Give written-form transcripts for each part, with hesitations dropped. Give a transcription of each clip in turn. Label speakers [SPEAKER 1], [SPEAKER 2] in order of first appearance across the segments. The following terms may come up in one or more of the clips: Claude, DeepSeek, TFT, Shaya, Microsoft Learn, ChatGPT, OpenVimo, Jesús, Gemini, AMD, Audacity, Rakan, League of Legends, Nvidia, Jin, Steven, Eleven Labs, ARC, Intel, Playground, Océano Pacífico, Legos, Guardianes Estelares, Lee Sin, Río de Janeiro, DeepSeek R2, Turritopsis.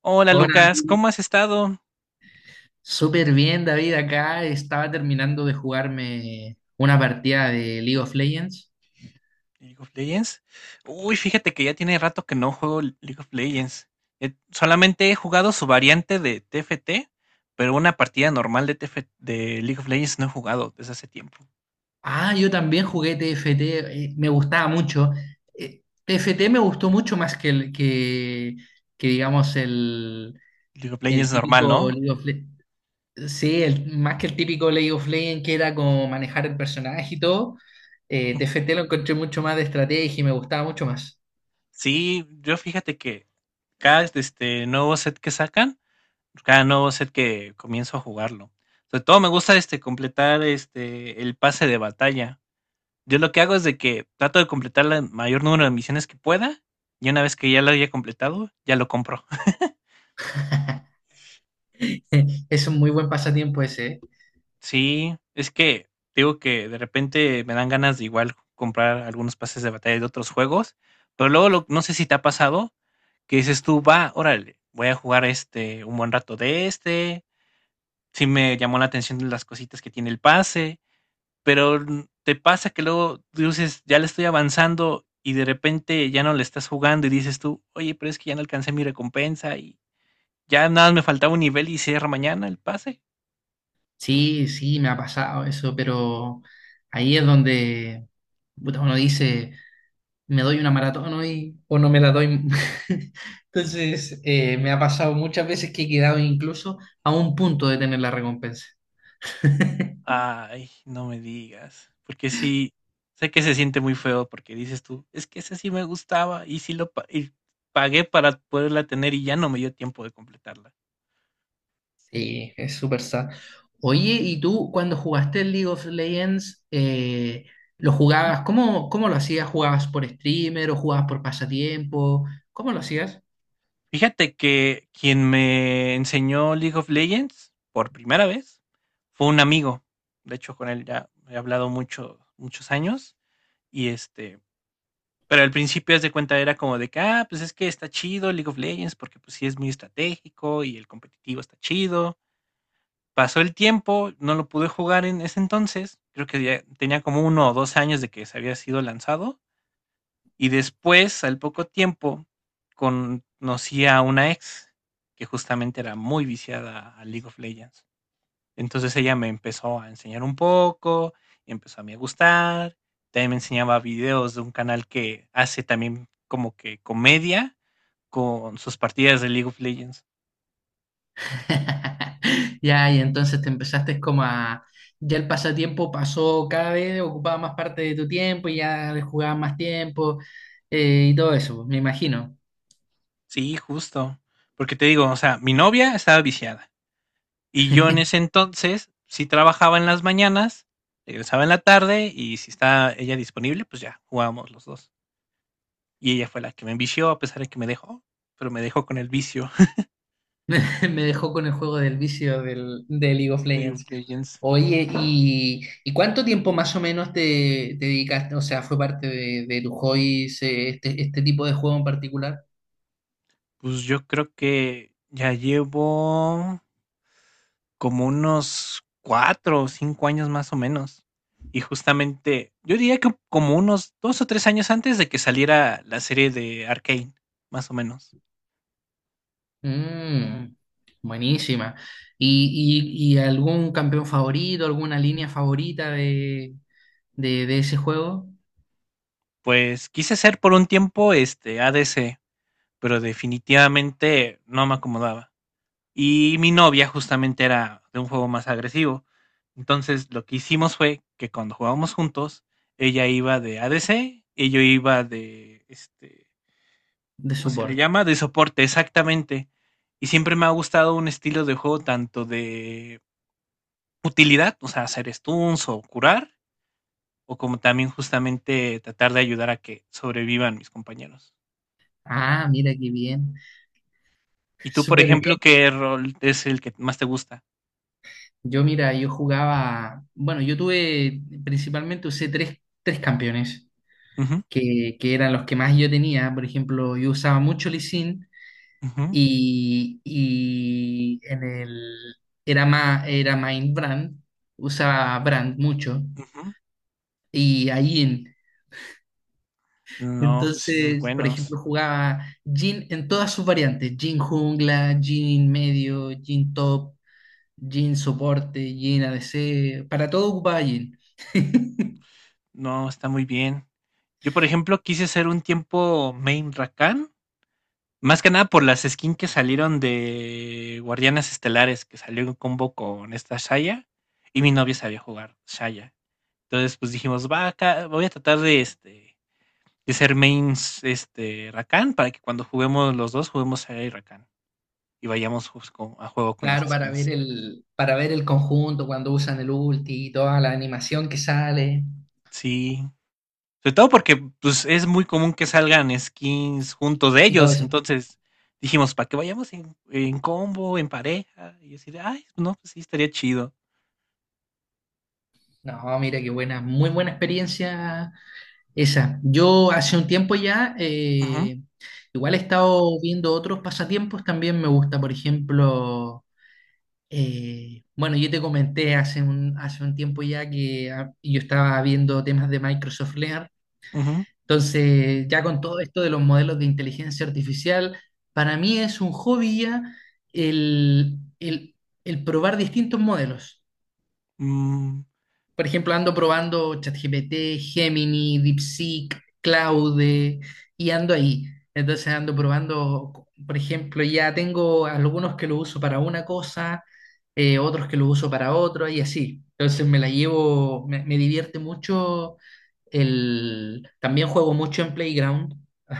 [SPEAKER 1] Hola
[SPEAKER 2] Hola,
[SPEAKER 1] Lucas, ¿cómo has estado?
[SPEAKER 2] súper bien David, acá estaba terminando de jugarme una partida de League of Legends.
[SPEAKER 1] League of Legends. Uy, fíjate que ya tiene rato que no juego League of Legends. Solamente he jugado su variante de TFT, pero una partida normal de TF de League of Legends no he jugado desde hace tiempo.
[SPEAKER 2] Ah, yo también jugué TFT, me gustaba mucho. TFT me gustó mucho más que digamos
[SPEAKER 1] League of
[SPEAKER 2] el
[SPEAKER 1] Legends normal,
[SPEAKER 2] típico
[SPEAKER 1] ¿no?
[SPEAKER 2] Sí, más que el típico League of Legends, que era como manejar el personaje y todo.
[SPEAKER 1] Ujú.
[SPEAKER 2] TFT lo encontré mucho más de estrategia y me gustaba mucho más.
[SPEAKER 1] Sí, yo fíjate que cada este nuevo set que sacan, cada nuevo set que comienzo a jugarlo. Sobre todo me gusta este completar este el pase de batalla. Yo lo que hago es de que trato de completar el mayor número de misiones que pueda y una vez que ya lo haya completado, ya lo compro.
[SPEAKER 2] Es un muy buen pasatiempo ese, ¿eh?
[SPEAKER 1] Sí, es que digo que de repente me dan ganas de igual comprar algunos pases de batalla de otros juegos, pero no sé si te ha pasado que dices tú, va, órale, voy a jugar este un buen rato de este, si me llamó la atención las cositas que tiene el pase pero te pasa que luego dices, ya le estoy avanzando y de repente ya no le estás jugando y dices tú, oye, pero es que ya no alcancé mi recompensa y ya nada más me faltaba un nivel y cierra mañana el pase.
[SPEAKER 2] Sí, sí, me ha pasado eso, pero ahí es donde puta, uno dice, me doy una maratón hoy o no me la doy. Entonces, me ha pasado muchas veces que he quedado incluso a un punto de tener la recompensa.
[SPEAKER 1] Ay, no me digas, porque sí, sé que se siente muy feo porque dices tú, es que ese sí me gustaba y y pagué para poderla tener y ya no me dio tiempo de completarla.
[SPEAKER 2] Sí, es súper sad. Oye, ¿y tú cuando jugaste el League of Legends, lo jugabas? ¿Cómo lo hacías? ¿Jugabas por streamer o jugabas por pasatiempo? ¿Cómo lo hacías?
[SPEAKER 1] Fíjate que quien me enseñó League of Legends por primera vez fue un amigo. De hecho, con él ya he hablado mucho, muchos años. Y este, pero al principio, haz de cuenta, era como de que, ah, pues es que está chido League of Legends porque pues sí es muy estratégico y el competitivo está chido. Pasó el tiempo, no lo pude jugar en ese entonces. Creo que ya tenía como uno o dos años de que se había sido lanzado y después, al poco tiempo, conocí a una ex que justamente era muy viciada a League of Legends. Entonces ella me empezó a enseñar un poco, y empezó a mí a gustar. También me enseñaba videos de un canal que hace también como que comedia con sus partidas de League of Legends.
[SPEAKER 2] Ya, y entonces te empezaste como ya el pasatiempo pasó cada vez, ocupaba más parte de tu tiempo y ya le jugaba más tiempo, y todo eso, me imagino.
[SPEAKER 1] Sí, justo. Porque te digo, o sea, mi novia estaba viciada. Y yo en ese entonces sí trabajaba en las mañanas, regresaba en la tarde y si está ella disponible, pues ya jugábamos los dos. Y ella fue la que me envició a pesar de que me dejó, pero me dejó con el vicio
[SPEAKER 2] Me dejó con el juego del vicio de League of
[SPEAKER 1] de League of
[SPEAKER 2] Legends.
[SPEAKER 1] Legends.
[SPEAKER 2] Oye, ¿y cuánto tiempo más o menos te dedicaste? O sea, ¿fue parte de tu hobby este, este tipo de juego en particular?
[SPEAKER 1] Pues yo creo que ya llevo como unos 4 o 5 años más o menos. Y justamente, yo diría que como unos 2 o 3 años antes de que saliera la serie de Arcane, más o menos.
[SPEAKER 2] Mm, buenísima. ¿Y algún campeón favorito, alguna línea favorita de ese juego
[SPEAKER 1] Pues quise ser por un tiempo este ADC, pero definitivamente no me acomodaba. Y mi novia justamente era de un juego más agresivo. Entonces lo que hicimos fue que cuando jugábamos juntos, ella iba de ADC y yo iba de, este,
[SPEAKER 2] de
[SPEAKER 1] ¿cómo se le
[SPEAKER 2] support?
[SPEAKER 1] llama? De soporte, exactamente. Y siempre me ha gustado un estilo de juego tanto de utilidad, o sea, hacer stuns o curar, o como también justamente tratar de ayudar a que sobrevivan mis compañeros.
[SPEAKER 2] Ah, mira qué bien.
[SPEAKER 1] ¿Y tú, por
[SPEAKER 2] Súper
[SPEAKER 1] ejemplo,
[SPEAKER 2] bien.
[SPEAKER 1] qué rol es el que más te gusta?
[SPEAKER 2] Yo, mira, yo jugaba, bueno, yo tuve, principalmente usé tres campeones, que eran los que más yo tenía. Por ejemplo, yo usaba mucho Lee Sin
[SPEAKER 1] Ujú,
[SPEAKER 2] y, y en el, era más, era Brand, usaba Brand mucho.
[SPEAKER 1] ujú.
[SPEAKER 2] Y a Jin.
[SPEAKER 1] No, pues sí, muy
[SPEAKER 2] Entonces, por ejemplo,
[SPEAKER 1] buenos.
[SPEAKER 2] jugaba Jin en todas sus variantes: Jin jungla, Jin medio, Jin top, Jin soporte, Jin ADC. Para todo ocupaba Jin.
[SPEAKER 1] No, está muy bien. Yo, por ejemplo, quise hacer un tiempo main Rakan, más que nada por las skins que salieron de Guardianes Estelares, que salió en combo con esta Shaya, y mi novia sabía jugar Shaya. Entonces, pues dijimos, va acá, voy a tratar de este de ser mains este Rakan para que cuando juguemos los dos, juguemos Shaya y Rakan y vayamos a juego con las
[SPEAKER 2] Claro, para
[SPEAKER 1] skins.
[SPEAKER 2] para ver el conjunto cuando usan el ulti y toda la animación que sale
[SPEAKER 1] Sí, sobre todo porque pues, es muy común que salgan skins juntos de
[SPEAKER 2] y todo
[SPEAKER 1] ellos.
[SPEAKER 2] eso.
[SPEAKER 1] Entonces dijimos, para que vayamos en combo, en pareja. Y yo así de, ay, no, pues sí, estaría chido.
[SPEAKER 2] No, mira qué buena, muy buena experiencia esa. Yo hace un tiempo ya,
[SPEAKER 1] Ujú,
[SPEAKER 2] igual he estado viendo otros pasatiempos, también me gusta, por ejemplo. Bueno, yo te comenté hace un tiempo ya que yo estaba viendo temas de Microsoft Learn.
[SPEAKER 1] ujú,
[SPEAKER 2] Entonces, ya con todo esto de los modelos de inteligencia artificial, para mí es un hobby ya el, el- el probar distintos modelos.
[SPEAKER 1] mm,
[SPEAKER 2] Por ejemplo, ando probando ChatGPT, Gemini, DeepSeek, Claude y ando ahí. Entonces ando
[SPEAKER 1] ujú,
[SPEAKER 2] probando, por ejemplo, ya tengo algunos que lo uso para una cosa, otros que lo uso para otra y así. Entonces me la llevo, me divierte mucho el... También juego mucho en Playground.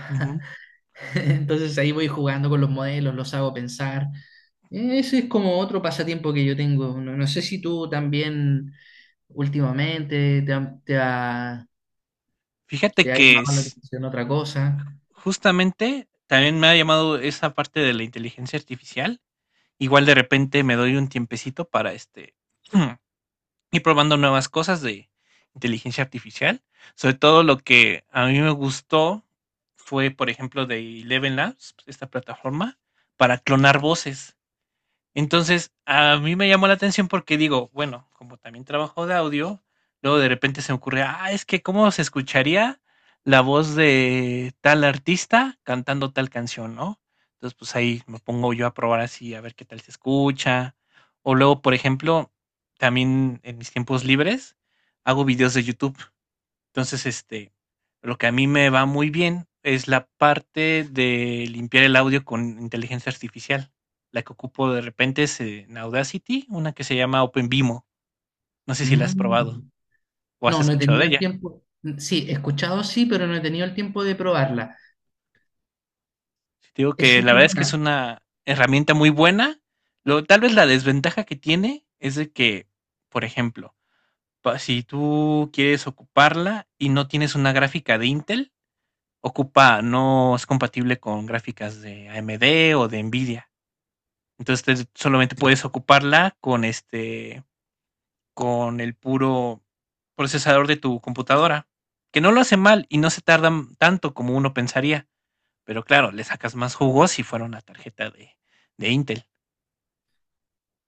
[SPEAKER 1] ujú.
[SPEAKER 2] Entonces ahí voy jugando con los modelos, los hago pensar. Ese es como otro pasatiempo que yo tengo. No, no sé si tú también últimamente
[SPEAKER 1] Fíjate
[SPEAKER 2] te ha
[SPEAKER 1] que
[SPEAKER 2] llamado la
[SPEAKER 1] es-
[SPEAKER 2] atención otra cosa.
[SPEAKER 1] Justamente también me ha llamado esa parte de la inteligencia artificial. Igual de repente me doy un tiempecito para este y probando nuevas cosas de inteligencia artificial. Sobre todo lo que a mí me gustó fue, por ejemplo, de Eleven Labs, esta plataforma, para clonar voces. Entonces, a mí me llamó la atención porque digo, bueno, como también trabajo de audio, luego de repente se me ocurre, ah, es que cómo se escucharía la voz de tal artista cantando tal canción, ¿no? Entonces, pues ahí me pongo yo a probar así, a ver qué tal se escucha. O luego, por ejemplo, también en mis tiempos libres hago videos de YouTube. Entonces, este, lo que a mí me va muy bien es la parte de limpiar el audio con inteligencia artificial. La que ocupo de repente es en Audacity, una que se llama OpenVimo. No sé si la has
[SPEAKER 2] Mm.
[SPEAKER 1] probado o has
[SPEAKER 2] No, no he
[SPEAKER 1] escuchado de
[SPEAKER 2] tenido el
[SPEAKER 1] ella.
[SPEAKER 2] tiempo. Sí, he escuchado sí, pero no he tenido el tiempo de probarla.
[SPEAKER 1] Te digo
[SPEAKER 2] Es
[SPEAKER 1] que la
[SPEAKER 2] súper
[SPEAKER 1] verdad es que es
[SPEAKER 2] buena.
[SPEAKER 1] una herramienta muy buena. Lo, tal vez la desventaja que tiene es de que, por ejemplo, si tú quieres ocuparla y no tienes una gráfica de Intel, ocupa, no es compatible con gráficas de AMD o de Nvidia. Entonces solamente puedes ocuparla con este con el puro procesador de tu computadora, que no lo hace mal y no se tarda tanto como uno pensaría, pero claro, le sacas más jugo si fuera una tarjeta de Intel.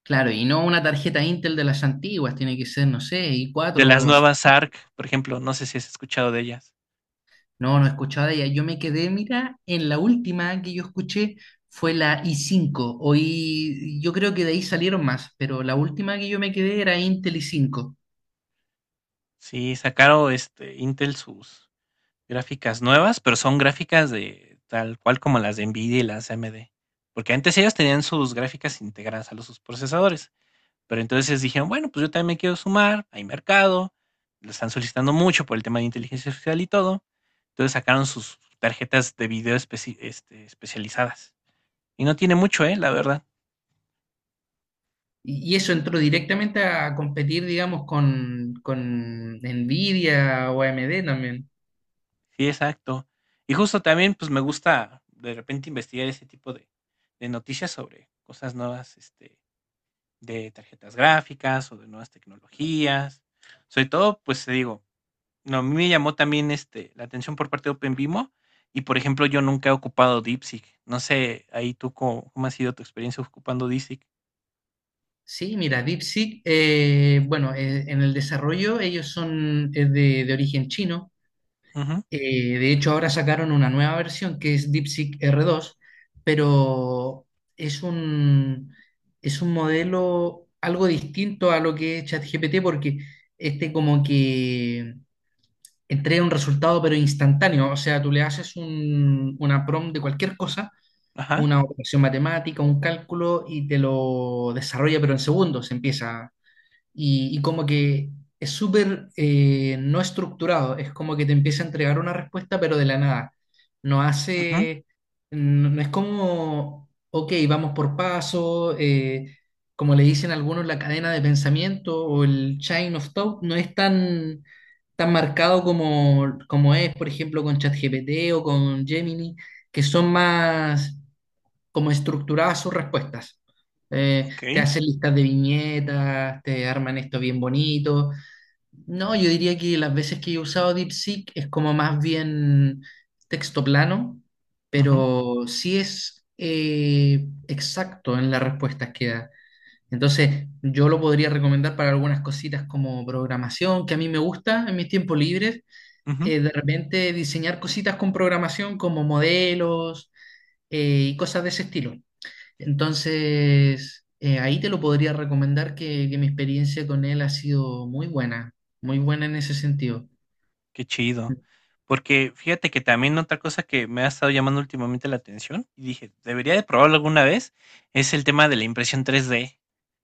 [SPEAKER 2] Claro, y no una tarjeta Intel de las antiguas, tiene que ser, no sé,
[SPEAKER 1] De las
[SPEAKER 2] i4, así.
[SPEAKER 1] nuevas ARC, por ejemplo, no sé si has escuchado de ellas.
[SPEAKER 2] No, no he escuchado de ella. Yo me quedé, mira, en la última que yo escuché fue la I5. Hoy yo creo que de ahí salieron más, pero la última que yo me quedé era Intel I5.
[SPEAKER 1] Sí, sacaron este Intel sus gráficas nuevas, pero son gráficas de tal cual como las de Nvidia y las AMD, porque antes ellos tenían sus gráficas integradas a los sus procesadores. Pero entonces dijeron, bueno, pues yo también me quiero sumar, hay mercado, lo están solicitando mucho por el tema de inteligencia artificial y todo. Entonces sacaron sus tarjetas de video este, especializadas. Y no tiene mucho, ¿eh? La verdad.
[SPEAKER 2] Y eso entró directamente a competir, digamos, con Nvidia o AMD también.
[SPEAKER 1] Sí, exacto. Y justo también, pues me gusta de repente investigar ese tipo de noticias sobre cosas nuevas, este, de tarjetas gráficas o de nuevas tecnologías. Sobre todo, pues te digo, no, a mí me llamó también, este, la atención por parte de OpenVimo y, por ejemplo, yo nunca he ocupado DeepSeek. No sé, ahí tú cómo, cómo ha sido tu experiencia ocupando DeepSeek.
[SPEAKER 2] Sí, mira, DeepSeek, bueno, en el desarrollo ellos son de origen chino.
[SPEAKER 1] Ujú,
[SPEAKER 2] De hecho, ahora sacaron una nueva versión que es DeepSeek R2, pero es un, es un modelo algo distinto a lo que es ChatGPT, porque este como que entrega un resultado pero instantáneo. O sea, tú le haces una prompt de cualquier cosa,
[SPEAKER 1] ajá,
[SPEAKER 2] una operación matemática, un cálculo y te lo desarrolla pero en segundos. Empieza y como que es súper no estructurado, es como que te empieza a entregar una respuesta pero de la nada. No
[SPEAKER 1] ujú,
[SPEAKER 2] hace, no, no es como, ok, vamos por paso, como le dicen algunos, la cadena de pensamiento o el chain of thought, no es tan marcado como, como es, por ejemplo, con ChatGPT o con Gemini, que son más como estructuradas sus respuestas. Te
[SPEAKER 1] okey,
[SPEAKER 2] hacen listas de viñetas, te arman esto bien bonito. No, yo diría que las veces que he usado DeepSeek es como más bien texto plano,
[SPEAKER 1] ujú,
[SPEAKER 2] pero sí es exacto en las respuestas que da. Entonces, yo lo podría recomendar para algunas cositas como programación, que a mí me gusta en mis tiempos libres.
[SPEAKER 1] ujú.
[SPEAKER 2] De repente diseñar cositas con programación como modelos, y cosas de ese estilo. Entonces, ahí te lo podría recomendar, que mi experiencia con él ha sido muy buena en ese sentido.
[SPEAKER 1] Qué chido. Porque fíjate que también otra cosa que me ha estado llamando últimamente la atención y dije, debería de probarlo alguna vez, es el tema de la impresión 3D.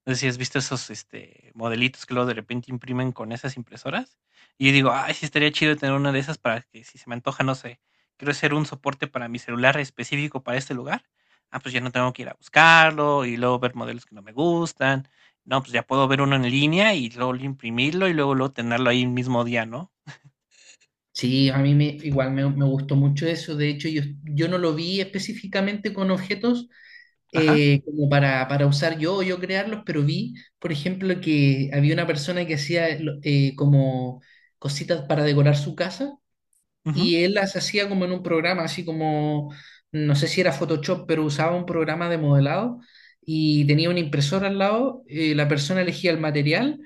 [SPEAKER 1] No sé si has visto esos este, modelitos que luego de repente imprimen con esas impresoras. Y yo digo, ay, sí estaría chido tener una de esas para que si se me antoja, no sé, quiero hacer un soporte para mi celular específico para este lugar. Ah, pues ya no tengo que ir a buscarlo y luego ver modelos que no me gustan. No, pues ya puedo ver uno en línea y luego imprimirlo y luego, luego tenerlo ahí el mismo día, ¿no?
[SPEAKER 2] Sí, a mí me gustó mucho eso. De hecho, yo no lo vi específicamente con objetos,
[SPEAKER 1] Ajá.
[SPEAKER 2] como para usar yo o yo crearlos, pero vi, por ejemplo, que había una persona que hacía como cositas para decorar su casa,
[SPEAKER 1] Ujú.
[SPEAKER 2] y él las hacía como en un programa, así como, no sé si era Photoshop, pero usaba un programa de modelado y tenía una impresora al lado, la persona elegía el material,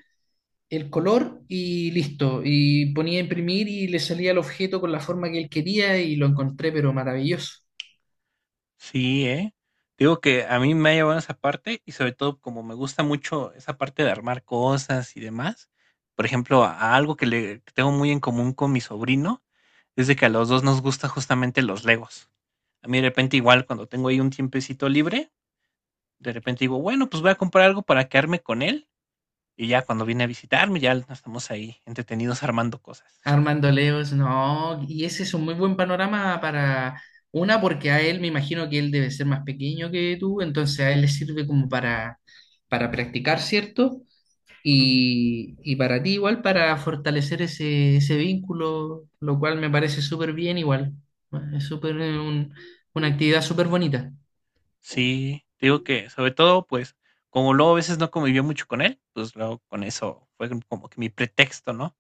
[SPEAKER 2] el color y listo, y ponía a imprimir y le salía el objeto con la forma que él quería, y lo encontré pero maravilloso.
[SPEAKER 1] Sí, ¿eh? Digo que a mí me ha llevado esa parte y sobre todo como me gusta mucho esa parte de armar cosas y demás. Por ejemplo, a algo que le que tengo muy en común con mi sobrino es de que a los dos nos gusta justamente los Legos. A mí de repente igual cuando tengo ahí un tiempecito libre, de repente digo, bueno, pues voy a comprar algo para quedarme con él y ya cuando viene a visitarme ya estamos ahí entretenidos armando cosas.
[SPEAKER 2] Armando Leos, no, y ese es un muy buen panorama para... Una, porque a él me imagino que él debe ser más pequeño que tú, entonces a él le sirve como para practicar, ¿cierto? Y para ti igual, para fortalecer ese vínculo, lo cual me parece súper bien igual. Es súper una actividad súper bonita.
[SPEAKER 1] Sí, te digo que sobre todo, pues, como luego a veces no convivía mucho con él, pues luego con eso fue como que mi pretexto, ¿no?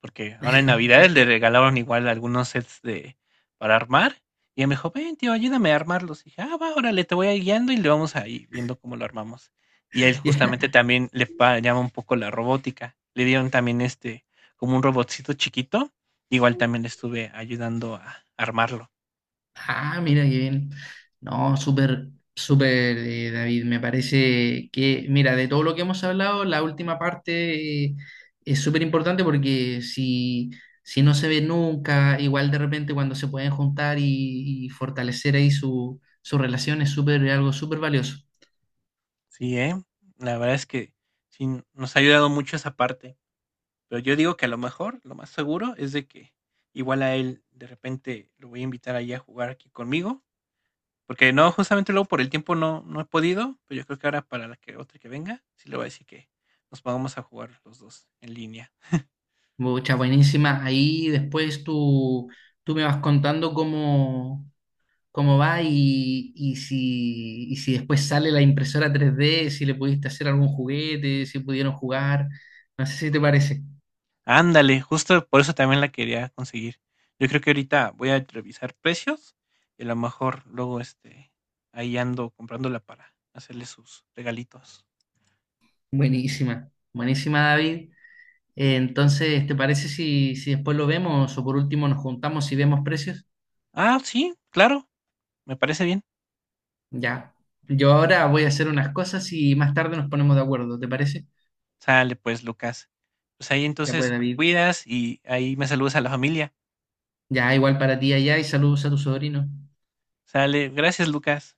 [SPEAKER 1] Porque ahora en Navidades le regalaron igual algunos sets de para armar y él me dijo, ven, tío, ayúdame a armarlos. Y dije, ah, va, órale, te voy a ir guiando y le vamos ahí viendo cómo lo armamos. Y él
[SPEAKER 2] Ya.
[SPEAKER 1] justamente también llama un poco la robótica. Le dieron también este, como un robotcito chiquito. Igual también le estuve ayudando a armarlo.
[SPEAKER 2] Ah, mira qué bien. No, súper, David. Me parece que, mira, de todo lo que hemos hablado, la última parte, es súper importante porque si no se ve nunca, igual de repente cuando se pueden juntar y fortalecer ahí su relación, es súper, algo súper valioso.
[SPEAKER 1] Sí, ¿eh? La verdad es que sí nos ha ayudado mucho esa parte, pero yo digo que a lo mejor, lo más seguro es de que igual a él de repente lo voy a invitar ahí a jugar aquí conmigo, porque no, justamente luego por el tiempo no, no he podido, pero yo creo que ahora para la que otra que venga, sí le voy a decir que nos pongamos a jugar los dos en línea.
[SPEAKER 2] Muchas buenísimas. Ahí después tú me vas contando cómo, cómo va y si después sale la impresora 3D, si le pudiste hacer algún juguete, si pudieron jugar. No sé si te parece.
[SPEAKER 1] Ándale, justo por eso también la quería conseguir. Yo creo que ahorita voy a revisar precios y a lo mejor luego este ahí ando comprándola para hacerle sus regalitos.
[SPEAKER 2] Buenísima. Buenísima, David. Entonces, ¿te parece si, si después lo vemos o por último nos juntamos y vemos precios?
[SPEAKER 1] Ah, sí, claro, me parece bien.
[SPEAKER 2] Ya. Yo ahora voy a hacer unas cosas y más tarde nos ponemos de acuerdo, ¿te parece?
[SPEAKER 1] Sale pues, Lucas. Pues ahí
[SPEAKER 2] Ya pues,
[SPEAKER 1] entonces me
[SPEAKER 2] David.
[SPEAKER 1] cuidas y ahí me saludas a la familia.
[SPEAKER 2] Ya, igual para ti allá y saludos a tu sobrino.
[SPEAKER 1] Sale, gracias, Lucas.